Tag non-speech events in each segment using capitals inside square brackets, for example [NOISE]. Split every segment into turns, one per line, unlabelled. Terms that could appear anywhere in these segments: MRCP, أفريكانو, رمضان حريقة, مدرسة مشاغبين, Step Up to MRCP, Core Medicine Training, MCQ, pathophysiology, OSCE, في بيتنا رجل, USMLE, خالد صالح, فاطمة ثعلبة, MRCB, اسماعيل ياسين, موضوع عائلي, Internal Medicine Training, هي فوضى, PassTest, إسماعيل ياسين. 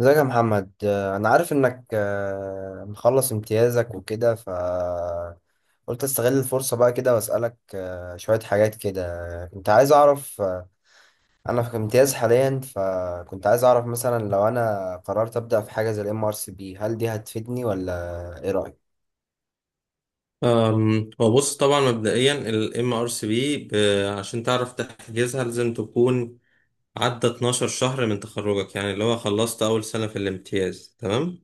ازيك يا محمد، انا عارف انك، مخلص امتيازك وكده. قلت استغل الفرصة بقى كده واسألك شوية حاجات كده. كنت عايز اعرف، انا في امتياز حاليا، فكنت عايز اعرف مثلا لو انا قررت ابدأ في حاجة زي الام ار سي بي، هل دي هتفيدني ولا ايه رأيك؟
هو بص طبعا مبدئيا ال MRCB عشان تعرف تحجزها لازم تكون عدى 12 شهر من تخرجك، يعني اللي هو خلصت أول سنة في الامتياز. تمام.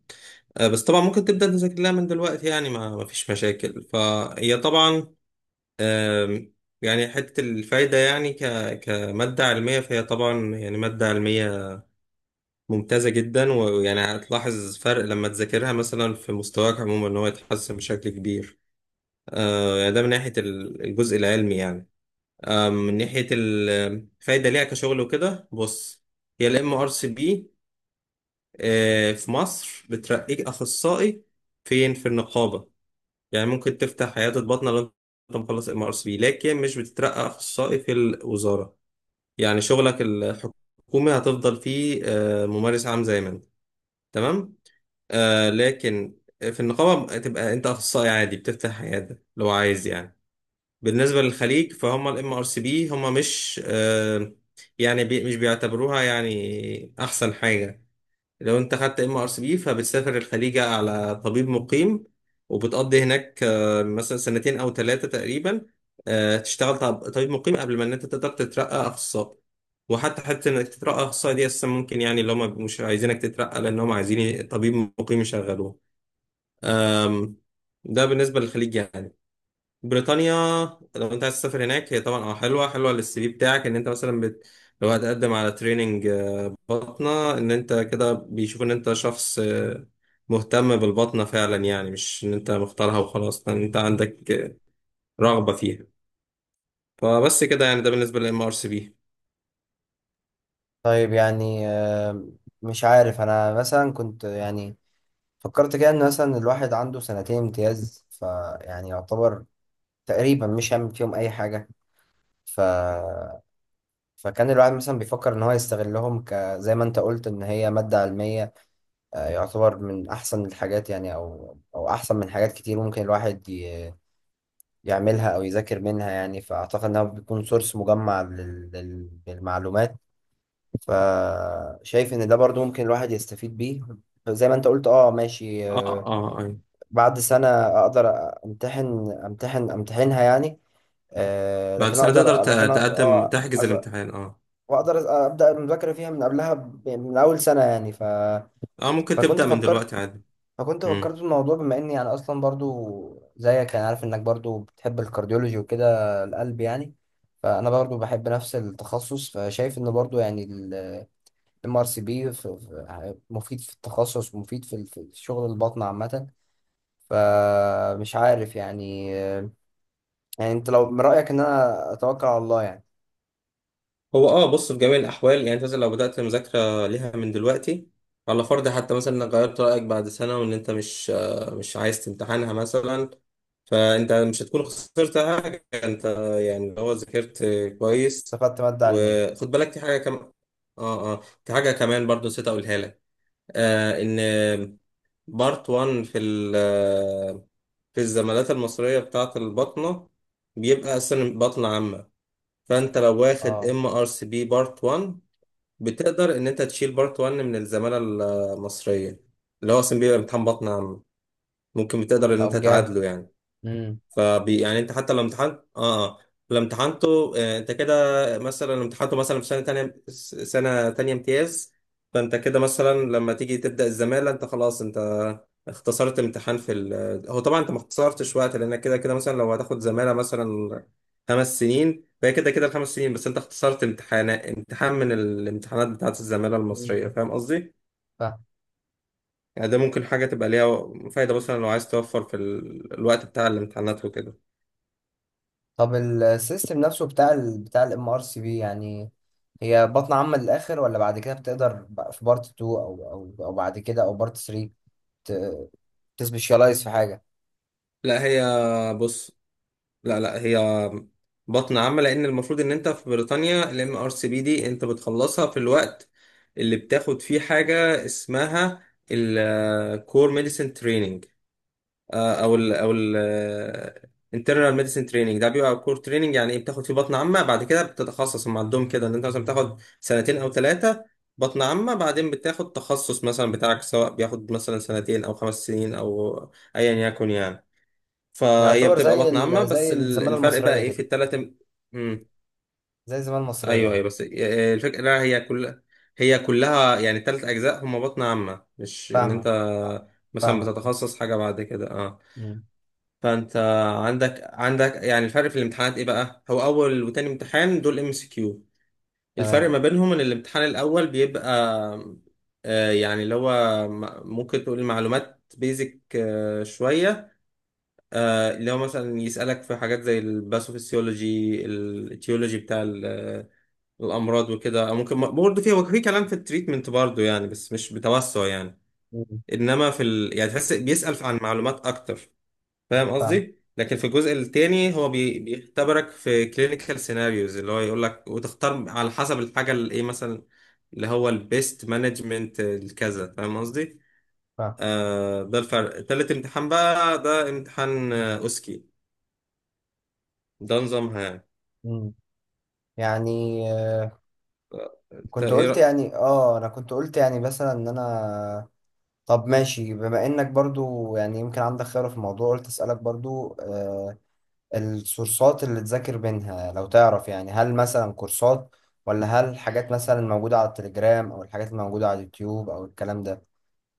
بس طبعا ممكن تبدأ تذاكر لها من دلوقتي، يعني ما فيش مشاكل. فهي طبعا، أم، يعني حتة الفايدة يعني كمادة علمية، فهي طبعا يعني مادة علمية ممتازة جدا، ويعني هتلاحظ فرق لما تذاكرها مثلا في مستواك عموما، إن هو يتحسن بشكل كبير. يعني ده من ناحية الجزء العلمي يعني. من ناحية الفايدة ليها كشغل وكده، بص، هي ال MRCP، في مصر بترقيك أخصائي، فين؟ في النقابة. يعني ممكن تفتح عيادة بطنة لو أنت مخلص MRCP، لكن مش بتترقى أخصائي في الوزارة. يعني شغلك الحكومي هتفضل فيه ممارس عام زي ما أنت. تمام. لكن في النقابة تبقى أنت أخصائي عادي، بتفتح عيادة لو عايز يعني. بالنسبة للخليج، فهم الام ار سي بي هم مش يعني مش بيعتبروها يعني احسن حاجة. لو انت خدت ام ار سي بي، فبتسافر الخليج على طبيب مقيم، وبتقضي هناك مثلا سنتين او ثلاثة تقريبا. تشتغل طبيب مقيم قبل ما ان انت تقدر تترقى اخصائي. وحتى انك تترقى اخصائي دي اساسا ممكن، يعني اللي هم مش عايزينك تترقى، لان هم عايزين طبيب مقيم يشغلوه. ده بالنسبة للخليج يعني. بريطانيا، لو انت عايز تسافر هناك، هي طبعا حلوه حلوه للسي في بتاعك، ان انت مثلا لو هتقدم على تريننج بطنه، ان انت كده بيشوف ان انت شخص مهتم بالبطنه فعلا، يعني مش ان انت مختارها وخلاص، ان انت عندك رغبه فيها. فبس كده، يعني ده بالنسبه للام ار سي بي.
طيب يعني، مش عارف، انا مثلا كنت يعني فكرت كده ان مثلا الواحد عنده سنتين امتياز، فيعني يعتبر تقريبا مش هيعمل فيهم اي حاجة. ف فكان الواحد مثلا بيفكر ان هو يستغلهم ك، زي ما انت قلت ان هي مادة علمية، يعتبر من احسن الحاجات يعني، او احسن من حاجات كتير ممكن الواحد يعملها او يذاكر منها يعني، فاعتقد انها بيكون سورس مجمع للمعلومات. فشايف ان ده برضو ممكن الواحد يستفيد بيه، زي ما انت قلت. اه ماشي،
اه اه. آه. آه.
بعد سنة اقدر امتحنها يعني،
بعد
لكن
سنه تقدر
اقدر، لكن أ-
تقدم
آه،
تحجز
أز-
الامتحان، اه.
واقدر ابدا المذاكره فيها من قبلها يعني من اول سنه يعني.
اه، ممكن
فكنت
تبدا من
فكرت
دلوقتي عادي.
فكنت فكرت في الموضوع، بما اني يعني اصلا برضو زيك يعني، عارف انك برضو بتحب الكارديولوجي وكده، القلب يعني. فانا برضو بحب نفس التخصص، فشايف ان برضو يعني الام ار سي بي مفيد في التخصص، ومفيد في في شغل البطن عامه. فمش عارف يعني، يعني انت لو من رايك ان انا اتوكل على الله يعني.
هو، بص، في جميع الاحوال، يعني انت مثلا لو بدات مذاكره ليها من دلوقتي، على فرض حتى مثلا انك غيرت رايك بعد سنه وان انت مش عايز تمتحنها مثلا، فانت مش هتكون خسرت حاجه، انت يعني لو ذاكرت كويس.
استفدت ماده علميه.
وخد بالك في حاجه كمان، اه اه، في حاجه كمان برضو نسيت اقولها لك. ان بارت 1 في ال آه، في الزمالات المصريه بتاعه البطنه بيبقى اصلا بطنه عامه. فانت لو واخد
اه.
ام ار سي بي بارت 1، بتقدر ان انت تشيل بارت 1 من الزمالة المصرية، اللي هو اصلا بيبقى امتحان بطن عام. ممكن بتقدر ان انت
طب جامد.
تعادله يعني. يعني انت حتى لو امتحنت، اه اه، لو امتحنته انت كده، مثلا لو امتحنته مثلا في سنه تانية امتياز، فانت كده مثلا لما تيجي تبدا الزماله، انت خلاص انت اختصرت امتحان في ال. هو طبعا انت ما اختصرتش وقت، لانك كده كده مثلا لو هتاخد زماله مثلا خمس سنين، فهي كده كده الخمس سنين، بس انت اختصرت امتحان من الامتحانات بتاعت الزماله المصريه.
امم.
فاهم قصدي؟
فاهم.
يعني ده ممكن حاجه تبقى ليها فايده، مثلا لو عايز توفر في ال... الوقت بتاع الامتحانات وكده.
طب السيستم نفسه بتاع بتاع الام ار سي بي يعني، هي بطن عامه للاخر، ولا بعد كده بتقدر بقى في بارت 2 او بعد كده او بارت 3 تسبيشالايز في حاجه؟
لا، هي، بص، لا لا، هي بطن عامة، لأن المفروض إن أنت في بريطانيا ال MRCP دي أنت بتخلصها في الوقت اللي بتاخد فيه حاجة اسمها ال Core Medicine Training، أو ال Internal Medicine Training. ده بيبقى Core Training، يعني إيه؟ بتاخد فيه بطن عامة، بعد كده بتتخصص. هم عندهم كده، إن أنت مثلا بتاخد سنتين أو ثلاثة بطن عامة، بعدين بتاخد تخصص مثلا بتاعك، سواء بياخد مثلا سنتين أو خمس سنين أو أيا يكن يعني.
يعني
فهي
يعتبر
بتبقى
زي
بطن عامة،
زي
بس
الزماله
الفرق بقى
المصريه
ايه
كده.
في التلات. امم
زي الزماله المصريه
ايوه
يعني.
ايوه، بس الفكرة لا، هي كلها، يعني التلات اجزاء هما بطن عامة، مش ان انت
فاهمك،
مثلا
فاهمك.
بتتخصص حاجة بعد كده اه.
مم.
فانت عندك يعني الفرق في الامتحانات ايه بقى؟ هو اول وتاني امتحان دول ام سي كيو. الفرق
تمام.
ما بينهم ان الامتحان الاول بيبقى يعني اللي هو ممكن تقول معلومات بيزك شوية، اللي هو مثلا يسألك في حاجات زي الباثوفيسيولوجي التيولوجي بتاع الأمراض وكده، أو ممكن برضه فيه، هو في كلام في التريتمنت برضه يعني، بس مش بتوسع يعني.
مم.
إنما في ال، يعني تحس بيسأل عن معلومات أكتر، فاهم
فاهم.
قصدي؟ لكن في الجزء التاني هو بيختبرك في كلينيكال سيناريوز، اللي هو يقول لك وتختار على حسب الحاجة اللي إيه مثلا، اللي هو البيست مانجمنت الكذا. فاهم قصدي؟
فاهم.
ده الفرق. تالت امتحان بقى ده امتحان أوسكي، ده نظامها يعني.
مم. يعني،
انت
كنت
ايه.
قلت يعني، اه انا كنت قلت يعني مثلا ان انا، طب ماشي بما انك برضو يعني يمكن عندك خبرة في الموضوع، قلت اسألك برضو آه، السورسات اللي تذاكر منها لو تعرف يعني، هل مثلا كورسات، ولا هل حاجات مثلا موجودة على التليجرام، او الحاجات الموجودة على اليوتيوب او الكلام ده.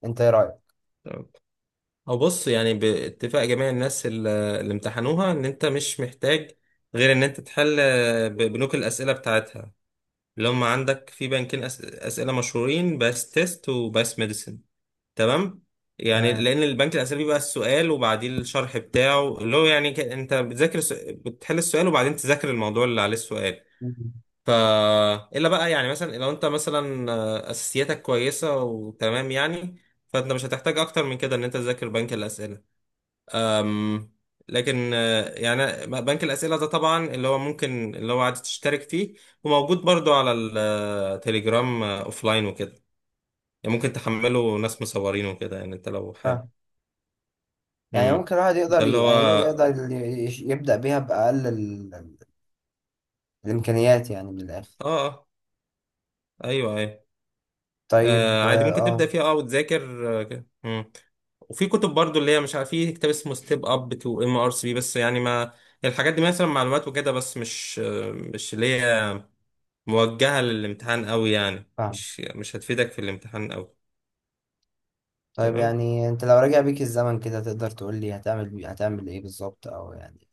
انت ايه رأيك؟
تمام. او بص، يعني باتفاق جميع الناس اللي امتحنوها، ان انت مش محتاج غير ان انت تحل بنوك الاسئله بتاعتها، اللي هم عندك في بنكين اسئله مشهورين، باس تيست وباس ميديسن. تمام، يعني
تمام.
لان البنك الاسئله بيبقى السؤال وبعديه الشرح بتاعه، اللي هو يعني انت بتذاكر بتحل السؤال، وبعدين تذاكر الموضوع اللي عليه السؤال.
مم.
ف الا بقى يعني، مثلا لو انت مثلا اساسياتك كويسه وتمام يعني، فانت مش هتحتاج اكتر من كده ان انت تذاكر بنك الاسئله. أم، لكن يعني بنك الاسئله ده طبعا اللي هو ممكن، اللي هو عادي تشترك فيه، وموجود برضو على التليجرام لاين وكده. يعني ممكن تحمله، ناس مصورينه وكده، يعني انت لو حابب.
فاهم. يعني
امم
ممكن الواحد
ده
يقدر
اللي هو
يعني إيه، يقدر يبدأ بيها بأقل الإمكانيات يعني، من الآخر.
اه آه، ايوه ايوه.
طيب
عادي،
اه،
ممكن تبدأ فيها، وتذاكر كده. مم. وفي كتب برضو، اللي هي مش عارف، في كتاب اسمه ستيب اب تو ام ار سي، بس يعني ما الحاجات دي مثلا معلومات وكده، بس مش مش اللي هي موجهة للامتحان قوي، يعني
فاهم.
مش هتفيدك في الامتحان قوي.
طيب
تمام.
يعني انت لو رجع بيك الزمن كده، تقدر تقول لي هتعمل هتعمل ايه بالظبط، او يعني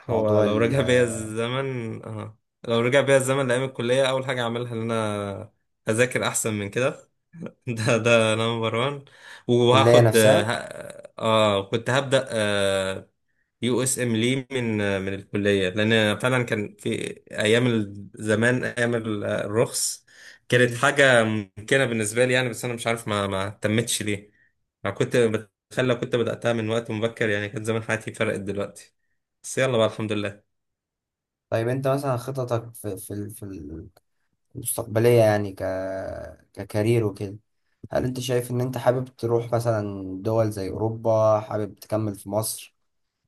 هو
موضوع
لو رجع بيا الزمن، لو رجع بيا الزمن لأيام الكلية، أول حاجة أعملها إن أنا أذاكر أحسن من كده. [LAUGHS] ده نمبر وان.
الكلية
وهاخد،
نفسها.
كنت هبدأ يو اس ام لي من الكليه، لان فعلا كان في ايام زمان، ايام الرخص، كانت
مم.
حاجه ممكنه بالنسبه لي يعني، بس انا مش عارف ما اهتمتش ليه. انا كنت بتخيل لو كنت بداتها من وقت مبكر، يعني كان زمان حياتي فرقت دلوقتي. بس يلا بقى، الحمد لله.
طيب انت مثلا خططك في في المستقبلية يعني، ككارير وكده، هل انت شايف ان انت حابب تروح مثلا دول زي اوروبا، حابب تكمل في مصر،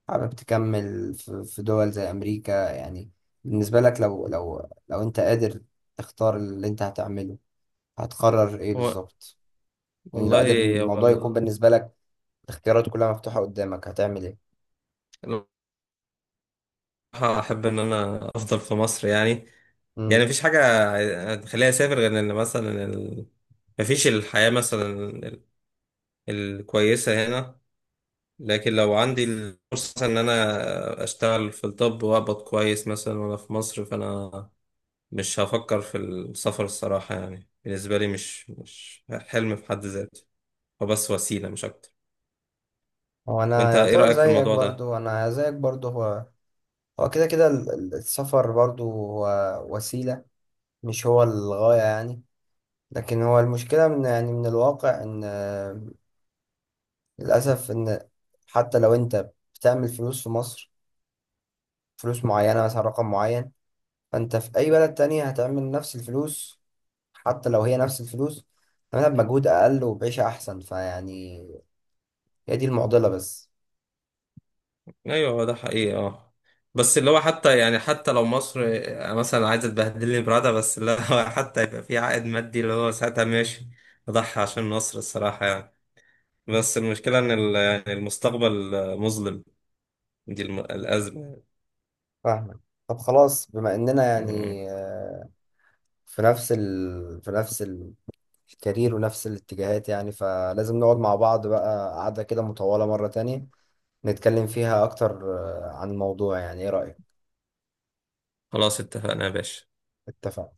حابب تكمل في دول زي امريكا يعني، بالنسبة لك، لو لو انت قادر تختار اللي انت هتعمله، هتقرر ايه
هو
بالظبط؟ يعني لو
والله،
قادر ان
هو
الموضوع يكون بالنسبة لك الاختيارات كلها مفتوحة قدامك، هتعمل
الصراحه احب ان انا افضل في مصر يعني. يعني
ايه؟
مفيش حاجه تخليني اسافر، غير ان مثلا ال. مفيش الحياه مثلا ال- الكويسه هنا. لكن لو عندي الفرصة مثلا إن أنا أشتغل في الطب وأقبض كويس مثلا وأنا في مصر، فأنا مش هفكر في السفر الصراحة. يعني بالنسبة لي مش حلم في حد ذاته، هو بس وسيلة مش أكتر.
هو انا
وأنت إيه
يعتبر
رأيك في
زيك
الموضوع ده؟
برضو، انا زيك برضو. هو كده كده السفر برضو هو وسيلة، مش هو الغاية يعني. لكن هو المشكلة من يعني من الواقع ان، للأسف ان حتى لو انت بتعمل فلوس في مصر، فلوس معينة، مثلا رقم معين، فانت في اي بلد تانية هتعمل نفس الفلوس. حتى لو هي نفس الفلوس، هتعملها بمجهود اقل وبعيشة احسن، فيعني هي دي المعضلة بس.
أيوه، هو ده حقيقي، بس اللي هو حتى يعني، حتى لو مصر مثلا عايزة تبهدلني برادة، بس اللي هو [LAUGHS] حتى يبقى في عائد مادي اللي هو ساعتها ماشي، أضحي عشان مصر الصراحة يعني. بس المشكلة إن يعني المستقبل مظلم، دي الأزمة.
فاهمك. طب خلاص، بما اننا
مم.
يعني في نفس الكارير ونفس الاتجاهات يعني، فلازم نقعد مع بعض بقى قعدة كده مطولة مرة تانية نتكلم فيها أكتر، عن الموضوع يعني. إيه رأيك؟
خلاص اتفقنا يا باشا.
اتفق.